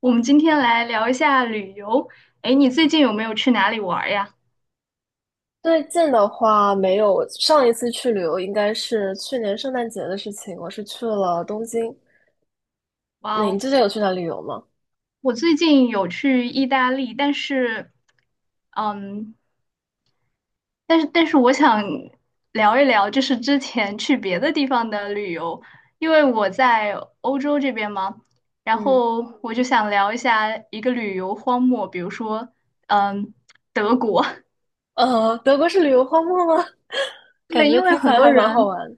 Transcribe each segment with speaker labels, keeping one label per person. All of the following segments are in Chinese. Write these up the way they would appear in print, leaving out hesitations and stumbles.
Speaker 1: 我们今天来聊一下旅游。哎，你最近有没有去哪里玩儿呀？
Speaker 2: 最近的话没有，上一次去旅游应该是去年圣诞节的事情，我是去了东京。
Speaker 1: 哇
Speaker 2: 那你
Speaker 1: 哦，
Speaker 2: 之前有去哪旅游吗？
Speaker 1: 我最近有去意大利，但是，嗯，但是我想聊一聊，就是之前去别的地方的旅游，因为我在欧洲这边嘛，然
Speaker 2: 嗯，
Speaker 1: 后我就想聊一下一个旅游荒漠，比如说，嗯，德国。
Speaker 2: 德国是旅游荒漠吗？感
Speaker 1: 对，
Speaker 2: 觉
Speaker 1: 因为
Speaker 2: 听起
Speaker 1: 很
Speaker 2: 来
Speaker 1: 多
Speaker 2: 还蛮好
Speaker 1: 人。
Speaker 2: 玩。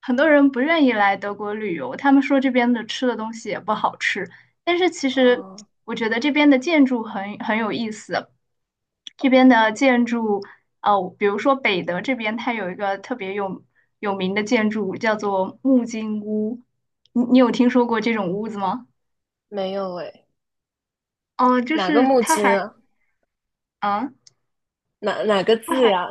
Speaker 1: 很多人不愿意来德国旅游，他们说这边的吃的东西也不好吃。但是其实
Speaker 2: 啊，
Speaker 1: 我觉得这边的建筑很有意思，这边的建筑，比如说北德这边，它有一个特别有名的建筑叫做木金屋，你有听说过这种屋子吗？
Speaker 2: 没有诶，
Speaker 1: 哦、就
Speaker 2: 哪个
Speaker 1: 是
Speaker 2: 木
Speaker 1: 它
Speaker 2: 金
Speaker 1: 还，
Speaker 2: 啊？
Speaker 1: 啊，
Speaker 2: 哪哪个
Speaker 1: 它
Speaker 2: 字
Speaker 1: 还。
Speaker 2: 呀？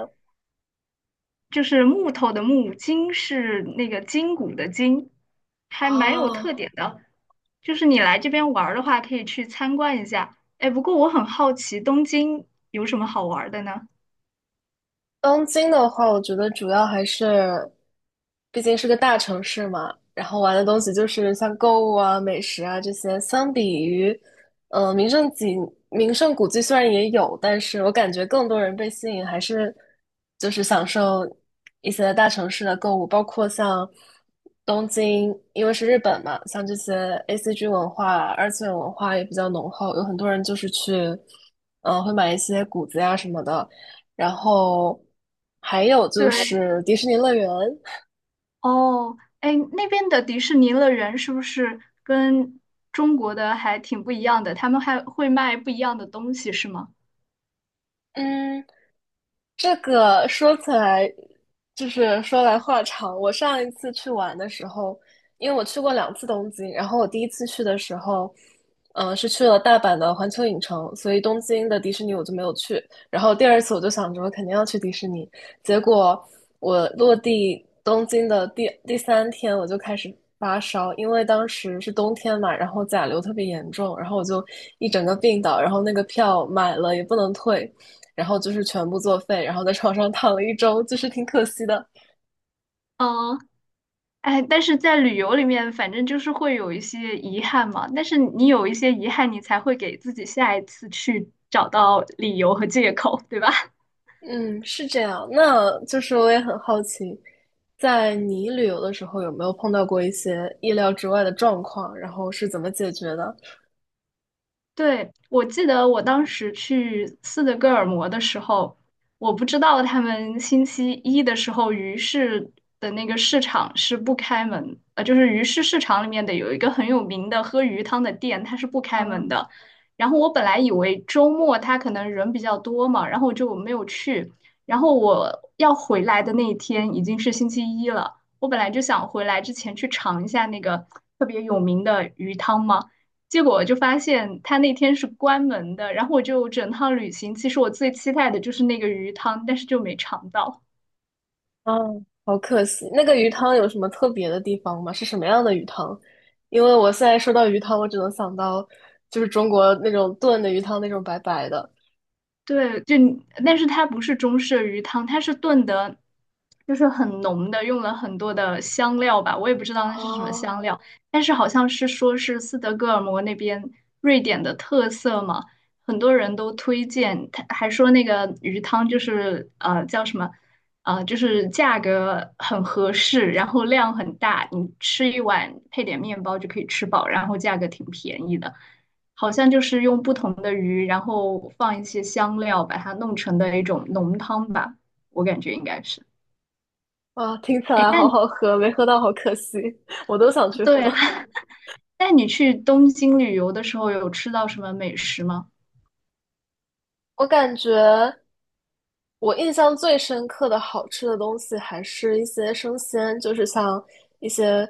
Speaker 1: 就是木头的木，筋是那个筋骨的筋，还蛮有
Speaker 2: 哦，
Speaker 1: 特点的。就是你来这边玩儿的话，可以去参观一下。哎，不过我很好奇，东京有什么好玩儿的呢？
Speaker 2: 东京的话，我觉得主要还是，毕竟是个大城市嘛，然后玩的东西就是像购物啊、美食啊这些，相比于，呃，名胜景、名胜古迹虽然也有，但是我感觉更多人被吸引还是就是享受一些大城市的购物，包括像东京，因为是日本嘛，像这些 ACG 文化、二次元文化也比较浓厚，有很多人就是去，会买一些谷子呀什么的。然后还有就
Speaker 1: 对，
Speaker 2: 是迪士尼乐园。
Speaker 1: 哦，哎，那边的迪士尼乐园是不是跟中国的还挺不一样的？他们还会卖不一样的东西，是吗？
Speaker 2: 嗯，这个说起来，就是说来话长。我上一次去玩的时候，因为我去过两次东京，然后我第一次去的时候，嗯、是去了大阪的环球影城，所以东京的迪士尼我就没有去。然后第二次我就想着我肯定要去迪士尼，结果我落地东京的第三天我就开始发烧，因为当时是冬天嘛，然后甲流特别严重，然后我就一整个病倒，然后那个票买了也不能退。然后就是全部作废，然后在床上躺了一周，就是挺可惜的。
Speaker 1: 嗯。哎，但是在旅游里面，反正就是会有一些遗憾嘛。但是你有一些遗憾，你才会给自己下一次去找到理由和借口，对吧？
Speaker 2: 嗯，是这样。那就是我也很好奇，在你旅游的时候有没有碰到过一些意料之外的状况，然后是怎么解决的？
Speaker 1: 对，我记得我当时去斯德哥尔摩的时候，我不知道他们星期一的时候鱼市的那个市场是不开门，就是鱼市市场里面的有一个很有名的喝鱼汤的店，它是不开
Speaker 2: 啊
Speaker 1: 门的。然后我本来以为周末它可能人比较多嘛，然后我就没有去。然后我要回来的那一天已经是星期一了，我本来就想回来之前去尝一下那个特别有名的鱼汤嘛。结果我就发现他那天是关门的，然后我就整趟旅行，其实我最期待的就是那个鱼汤，但是就没尝到。
Speaker 2: 啊，好可惜。那个鱼汤有什么特别的地方吗？是什么样的鱼汤？因为我现在说到鱼汤，我只能想到就是中国那种炖的鱼汤，那种白白的。
Speaker 1: 对，就但是它不是中式鱼汤，它是炖的，就是很浓的，用了很多的香料吧，我也不知道那是什么
Speaker 2: 哦，
Speaker 1: 香料，但是好像是说是斯德哥尔摩那边瑞典的特色嘛，很多人都推荐，他还说那个鱼汤就是叫什么，就是价格很合适，然后量很大，你吃一碗配点面包就可以吃饱，然后价格挺便宜的。好像就是用不同的鱼，然后放一些香料，把它弄成的一种浓汤吧，我感觉应该是。
Speaker 2: 啊，听起
Speaker 1: 哎，
Speaker 2: 来
Speaker 1: 那
Speaker 2: 好
Speaker 1: 你
Speaker 2: 好喝，没喝到好可惜，我都想去
Speaker 1: 对，
Speaker 2: 喝。
Speaker 1: 那你去东京旅游的时候有吃到什么美食吗？
Speaker 2: 我感觉我印象最深刻的好吃的东西还是一些生鲜，就是像一些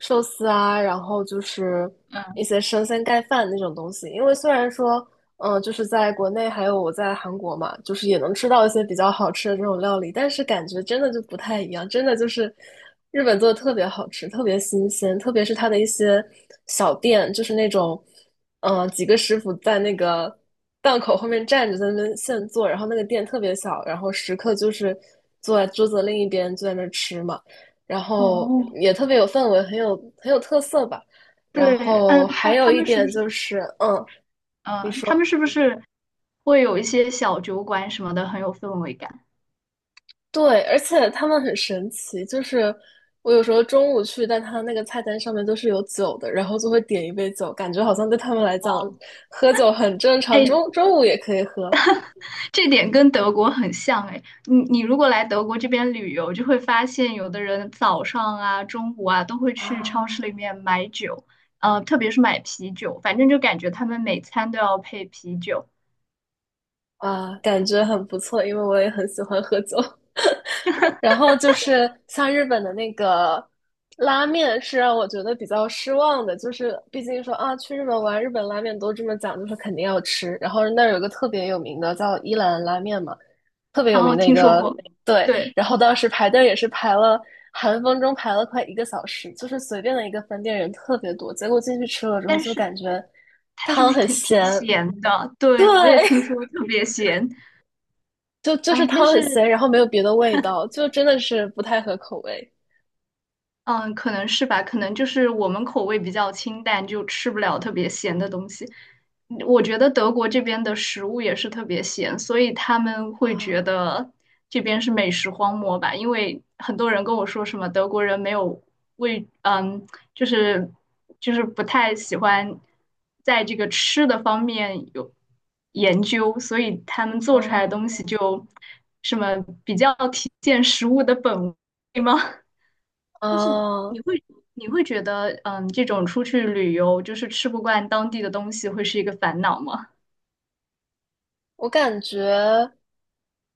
Speaker 2: 寿司啊，然后就是一
Speaker 1: 嗯，
Speaker 2: 些生鲜盖饭那种东西。因为虽然说，嗯、就是在国内还有我在韩国嘛，就是也能吃到一些比较好吃的这种料理，但是感觉真的就不太一样，真的就是日本做的特别好吃，特别新鲜，特别是它的一些小店，就是那种。嗯，几个师傅在那个档口后面站着，在那边现做，然后那个店特别小，然后食客就是坐在桌子的另一边就在那儿吃嘛，然后
Speaker 1: 哦，
Speaker 2: 也特别有氛围，很有特色吧。然
Speaker 1: 对，
Speaker 2: 后还有一点就是，嗯，
Speaker 1: 他们是不是会有一些小酒馆什么的，很有氛围感？
Speaker 2: 对，而且他们很神奇，就是我有时候中午去，但他那个菜单上面都是有酒的，然后就会点一杯酒，感觉好像对他们来讲，
Speaker 1: 哦，
Speaker 2: 喝酒很正常，
Speaker 1: 哎，
Speaker 2: 中午也可以喝
Speaker 1: 这点跟德国很像哎，你如果来德国这边旅游，就会发现有的人早上啊、中午啊都会去超市
Speaker 2: 啊。
Speaker 1: 里面买酒，特别是买啤酒，反正就感觉他们每餐都要配啤酒。
Speaker 2: 啊，感觉很不错，因为我也很喜欢喝酒。然后就是像日本的那个拉面，是让我觉得比较失望的。就是毕竟说啊，去日本玩，日本拉面都这么讲，就是肯定要吃。然后那儿有个特别有名的叫一兰拉面嘛，特别有名
Speaker 1: 哦，
Speaker 2: 的一
Speaker 1: 听说对我
Speaker 2: 个，
Speaker 1: 过，没
Speaker 2: 对。
Speaker 1: 对，
Speaker 2: 然后当时排队也是排了，寒风中排了快一个小时，就是随便的一个分店人特别多。结果进去吃了之后，
Speaker 1: 但
Speaker 2: 就
Speaker 1: 是
Speaker 2: 感觉
Speaker 1: 它是不
Speaker 2: 汤
Speaker 1: 是
Speaker 2: 很
Speaker 1: 挺
Speaker 2: 咸，
Speaker 1: 挺咸的？对，我也
Speaker 2: 对，
Speaker 1: 听说特别咸。
Speaker 2: 就是
Speaker 1: 哎，那
Speaker 2: 汤很
Speaker 1: 是
Speaker 2: 咸，然后没有别的味道，就真的是不太合口味
Speaker 1: 嗯，可能是吧，可能就是我们口味比较清淡，就吃不了特别咸的东西。我觉得德国这边的食物也是特别咸，所以他们会觉
Speaker 2: 啊，
Speaker 1: 得这边是美食荒漠吧？因为很多人跟我说什么德国人没有味，就是就是不太喜欢在这个吃的方面有研究，所以他们做出来的
Speaker 2: 哦
Speaker 1: 东西就什么比较体现食物的本味吗？就是
Speaker 2: 哦，
Speaker 1: 你会你会觉得，这种出去旅游就是吃不惯当地的东西，会是一个烦恼吗？
Speaker 2: 我感觉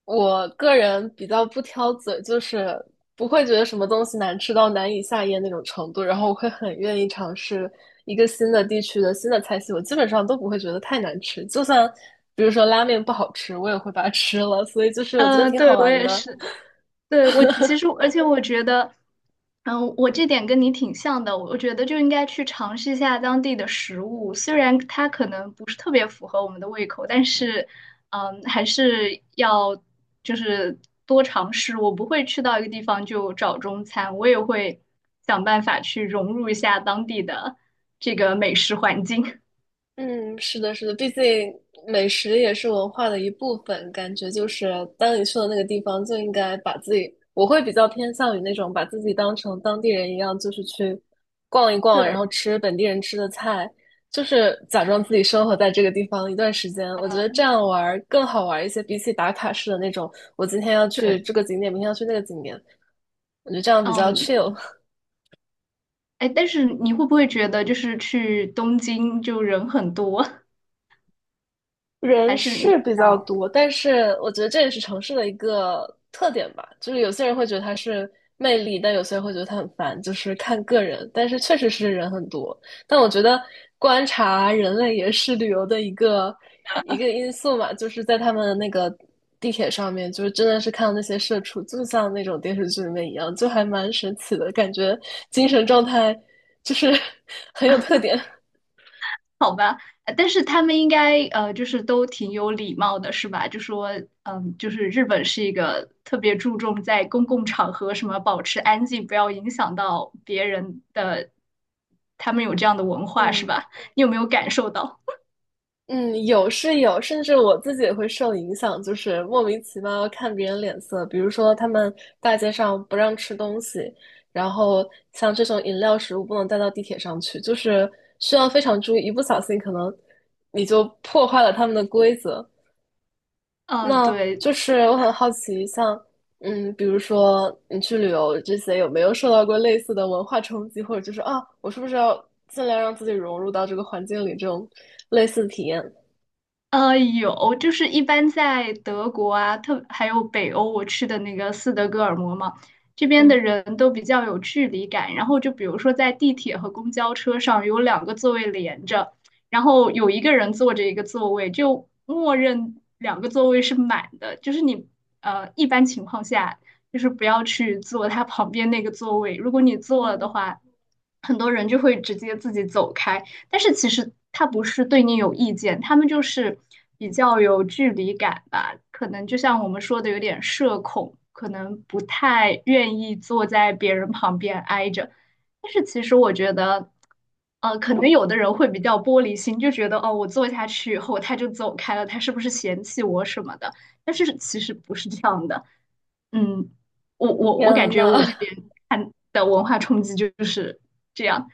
Speaker 2: 我个人比较不挑嘴，就是不会觉得什么东西难吃到难以下咽那种程度，然后我会很愿意尝试一个新的地区的新的菜系，我基本上都不会觉得太难吃。就算比如说拉面不好吃，我也会把它吃了，所以就是我觉得挺
Speaker 1: 对，
Speaker 2: 好
Speaker 1: 我
Speaker 2: 玩
Speaker 1: 也
Speaker 2: 的。
Speaker 1: 是，对，我其实，而且我觉得，我这点跟你挺像的，我觉得就应该去尝试一下当地的食物，虽然它可能不是特别符合我们的胃口，但是，还是要就是多尝试。我不会去到一个地方就找中餐，我也会想办法去融入一下当地的这个美食环境。
Speaker 2: 嗯，是的，是的，毕竟美食也是文化的一部分，感觉就是当你去了那个地方，就应该把自己，我会比较偏向于那种把自己当成当地人一样，就是去逛一 逛，然
Speaker 1: 对
Speaker 2: 后吃本地人吃的菜，就是假装自己生活在这个地方一段时间。我觉得这样玩儿更好玩儿一些，比起打卡式的那种，我今天要去
Speaker 1: 对，
Speaker 2: 这个景点，明天要去那个景点，我觉得这样比较
Speaker 1: 嗯，
Speaker 2: chill。
Speaker 1: 哎，但是你会不会觉得就是去东京就人很多，
Speaker 2: 人
Speaker 1: 还是你比
Speaker 2: 是比较
Speaker 1: 较
Speaker 2: 多，但是我觉得这也是城市的一个特点吧。就是有些人会觉得它是魅力，但有些人会觉得它很烦，就是看个人。但是确实是人很多，但我觉得观察人类也是旅游的一个因素嘛。就是在他们的那个地铁上面，就是真的是看到那些社畜，就像那种电视剧里面一样，就还蛮神奇的感觉，精神状态就是 很有特点。
Speaker 1: 好吧？但是他们应该就是都挺有礼貌的，是吧？就说就是日本是一个特别注重在公共场合什么保持安静，不要影响到别人的，他们有这样的文化，是
Speaker 2: 嗯，
Speaker 1: 吧？你有没有感受到？
Speaker 2: 嗯，有是有，甚至我自己也会受影响，就是莫名其妙看别人脸色。比如说，他们大街上不让吃东西，然后像这种饮料、食物不能带到地铁上去，就是需要非常注意，一不小心可能你就破坏了他们的规则。
Speaker 1: 嗯，
Speaker 2: 那
Speaker 1: 对，
Speaker 2: 就是我很好奇，像嗯，比如说你去旅游这些，有没有受到过类似的文化冲击，或者就是啊，我是不是要尽量让自己融入到这个环境里这种类似的体验？
Speaker 1: 有，就是一般在德国啊，特还有北欧，我去的那个斯德哥尔摩嘛，这边的
Speaker 2: 嗯。
Speaker 1: 人都比较有距离感。然后就比如说在地铁和公交车上有两个座位连着，然后有一个人坐着一个座位，就默认两个座位是满的。就是你一般情况下就是不要去坐他旁边那个座位，如果你坐了的
Speaker 2: 嗯，
Speaker 1: 话，很多人就会直接自己走开。但是其实他不是对你有意见，他们就是比较有距离感吧，可能就像我们说的有点社恐，可能不太愿意坐在别人旁边挨着。但是其实我觉得，可能有的人会比较玻璃心，就觉得哦，我坐下去以后他就走开了，他是不是嫌弃我什么的？但是其实不是这样的，嗯，我感
Speaker 2: 天
Speaker 1: 觉我这
Speaker 2: 呐，
Speaker 1: 边看的文化冲击就是这样，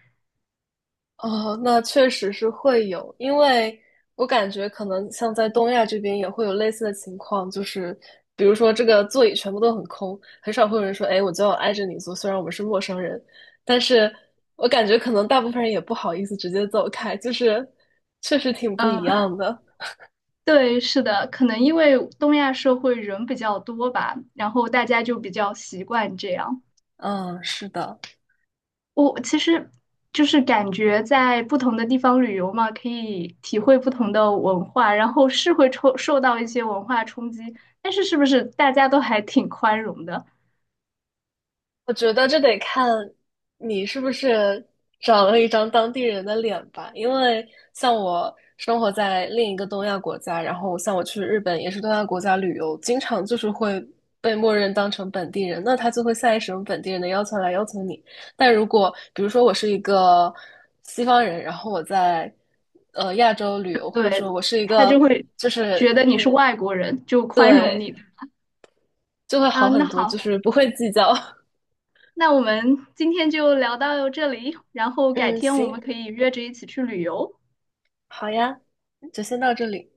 Speaker 2: 哦，那确实是会有，因为我感觉可能像在东亚这边也会有类似的情况，就是比如说这个座椅全部都很空，很少会有人说，哎，我就要挨着你坐，虽然我们是陌生人，但是我感觉可能大部分人也不好意思直接走开，就是确实挺不一
Speaker 1: 嗯。
Speaker 2: 样的。
Speaker 1: 对，是的，可能因为东亚社会人比较多吧，然后大家就比较习惯这样。
Speaker 2: 嗯，是的。
Speaker 1: 我其实就是感觉在不同的地方旅游嘛，可以体会不同的文化，然后是会受到一些文化冲击，但是是不是大家都还挺宽容的？
Speaker 2: 我觉得这得看你是不是长了一张当地人的脸吧，因为像我生活在另一个东亚国家，然后像我去日本也是东亚国家旅游，经常就是会被默认当成本地人，那他就会下意识用本地人的要求来要求你。但如果比如说我是一个西方人，然后我在亚洲旅游，或者说
Speaker 1: 对，
Speaker 2: 我是一
Speaker 1: 他
Speaker 2: 个
Speaker 1: 就会
Speaker 2: 就是
Speaker 1: 觉得你是外国人，就宽容
Speaker 2: 对，
Speaker 1: 你
Speaker 2: 就会好
Speaker 1: 啊。那
Speaker 2: 很多，就
Speaker 1: 好，
Speaker 2: 是不会计较。
Speaker 1: 那我们今天就聊到这里，然后改
Speaker 2: 嗯，
Speaker 1: 天我
Speaker 2: 行，
Speaker 1: 们可以约着一起去旅游。
Speaker 2: 好呀，就先到这里。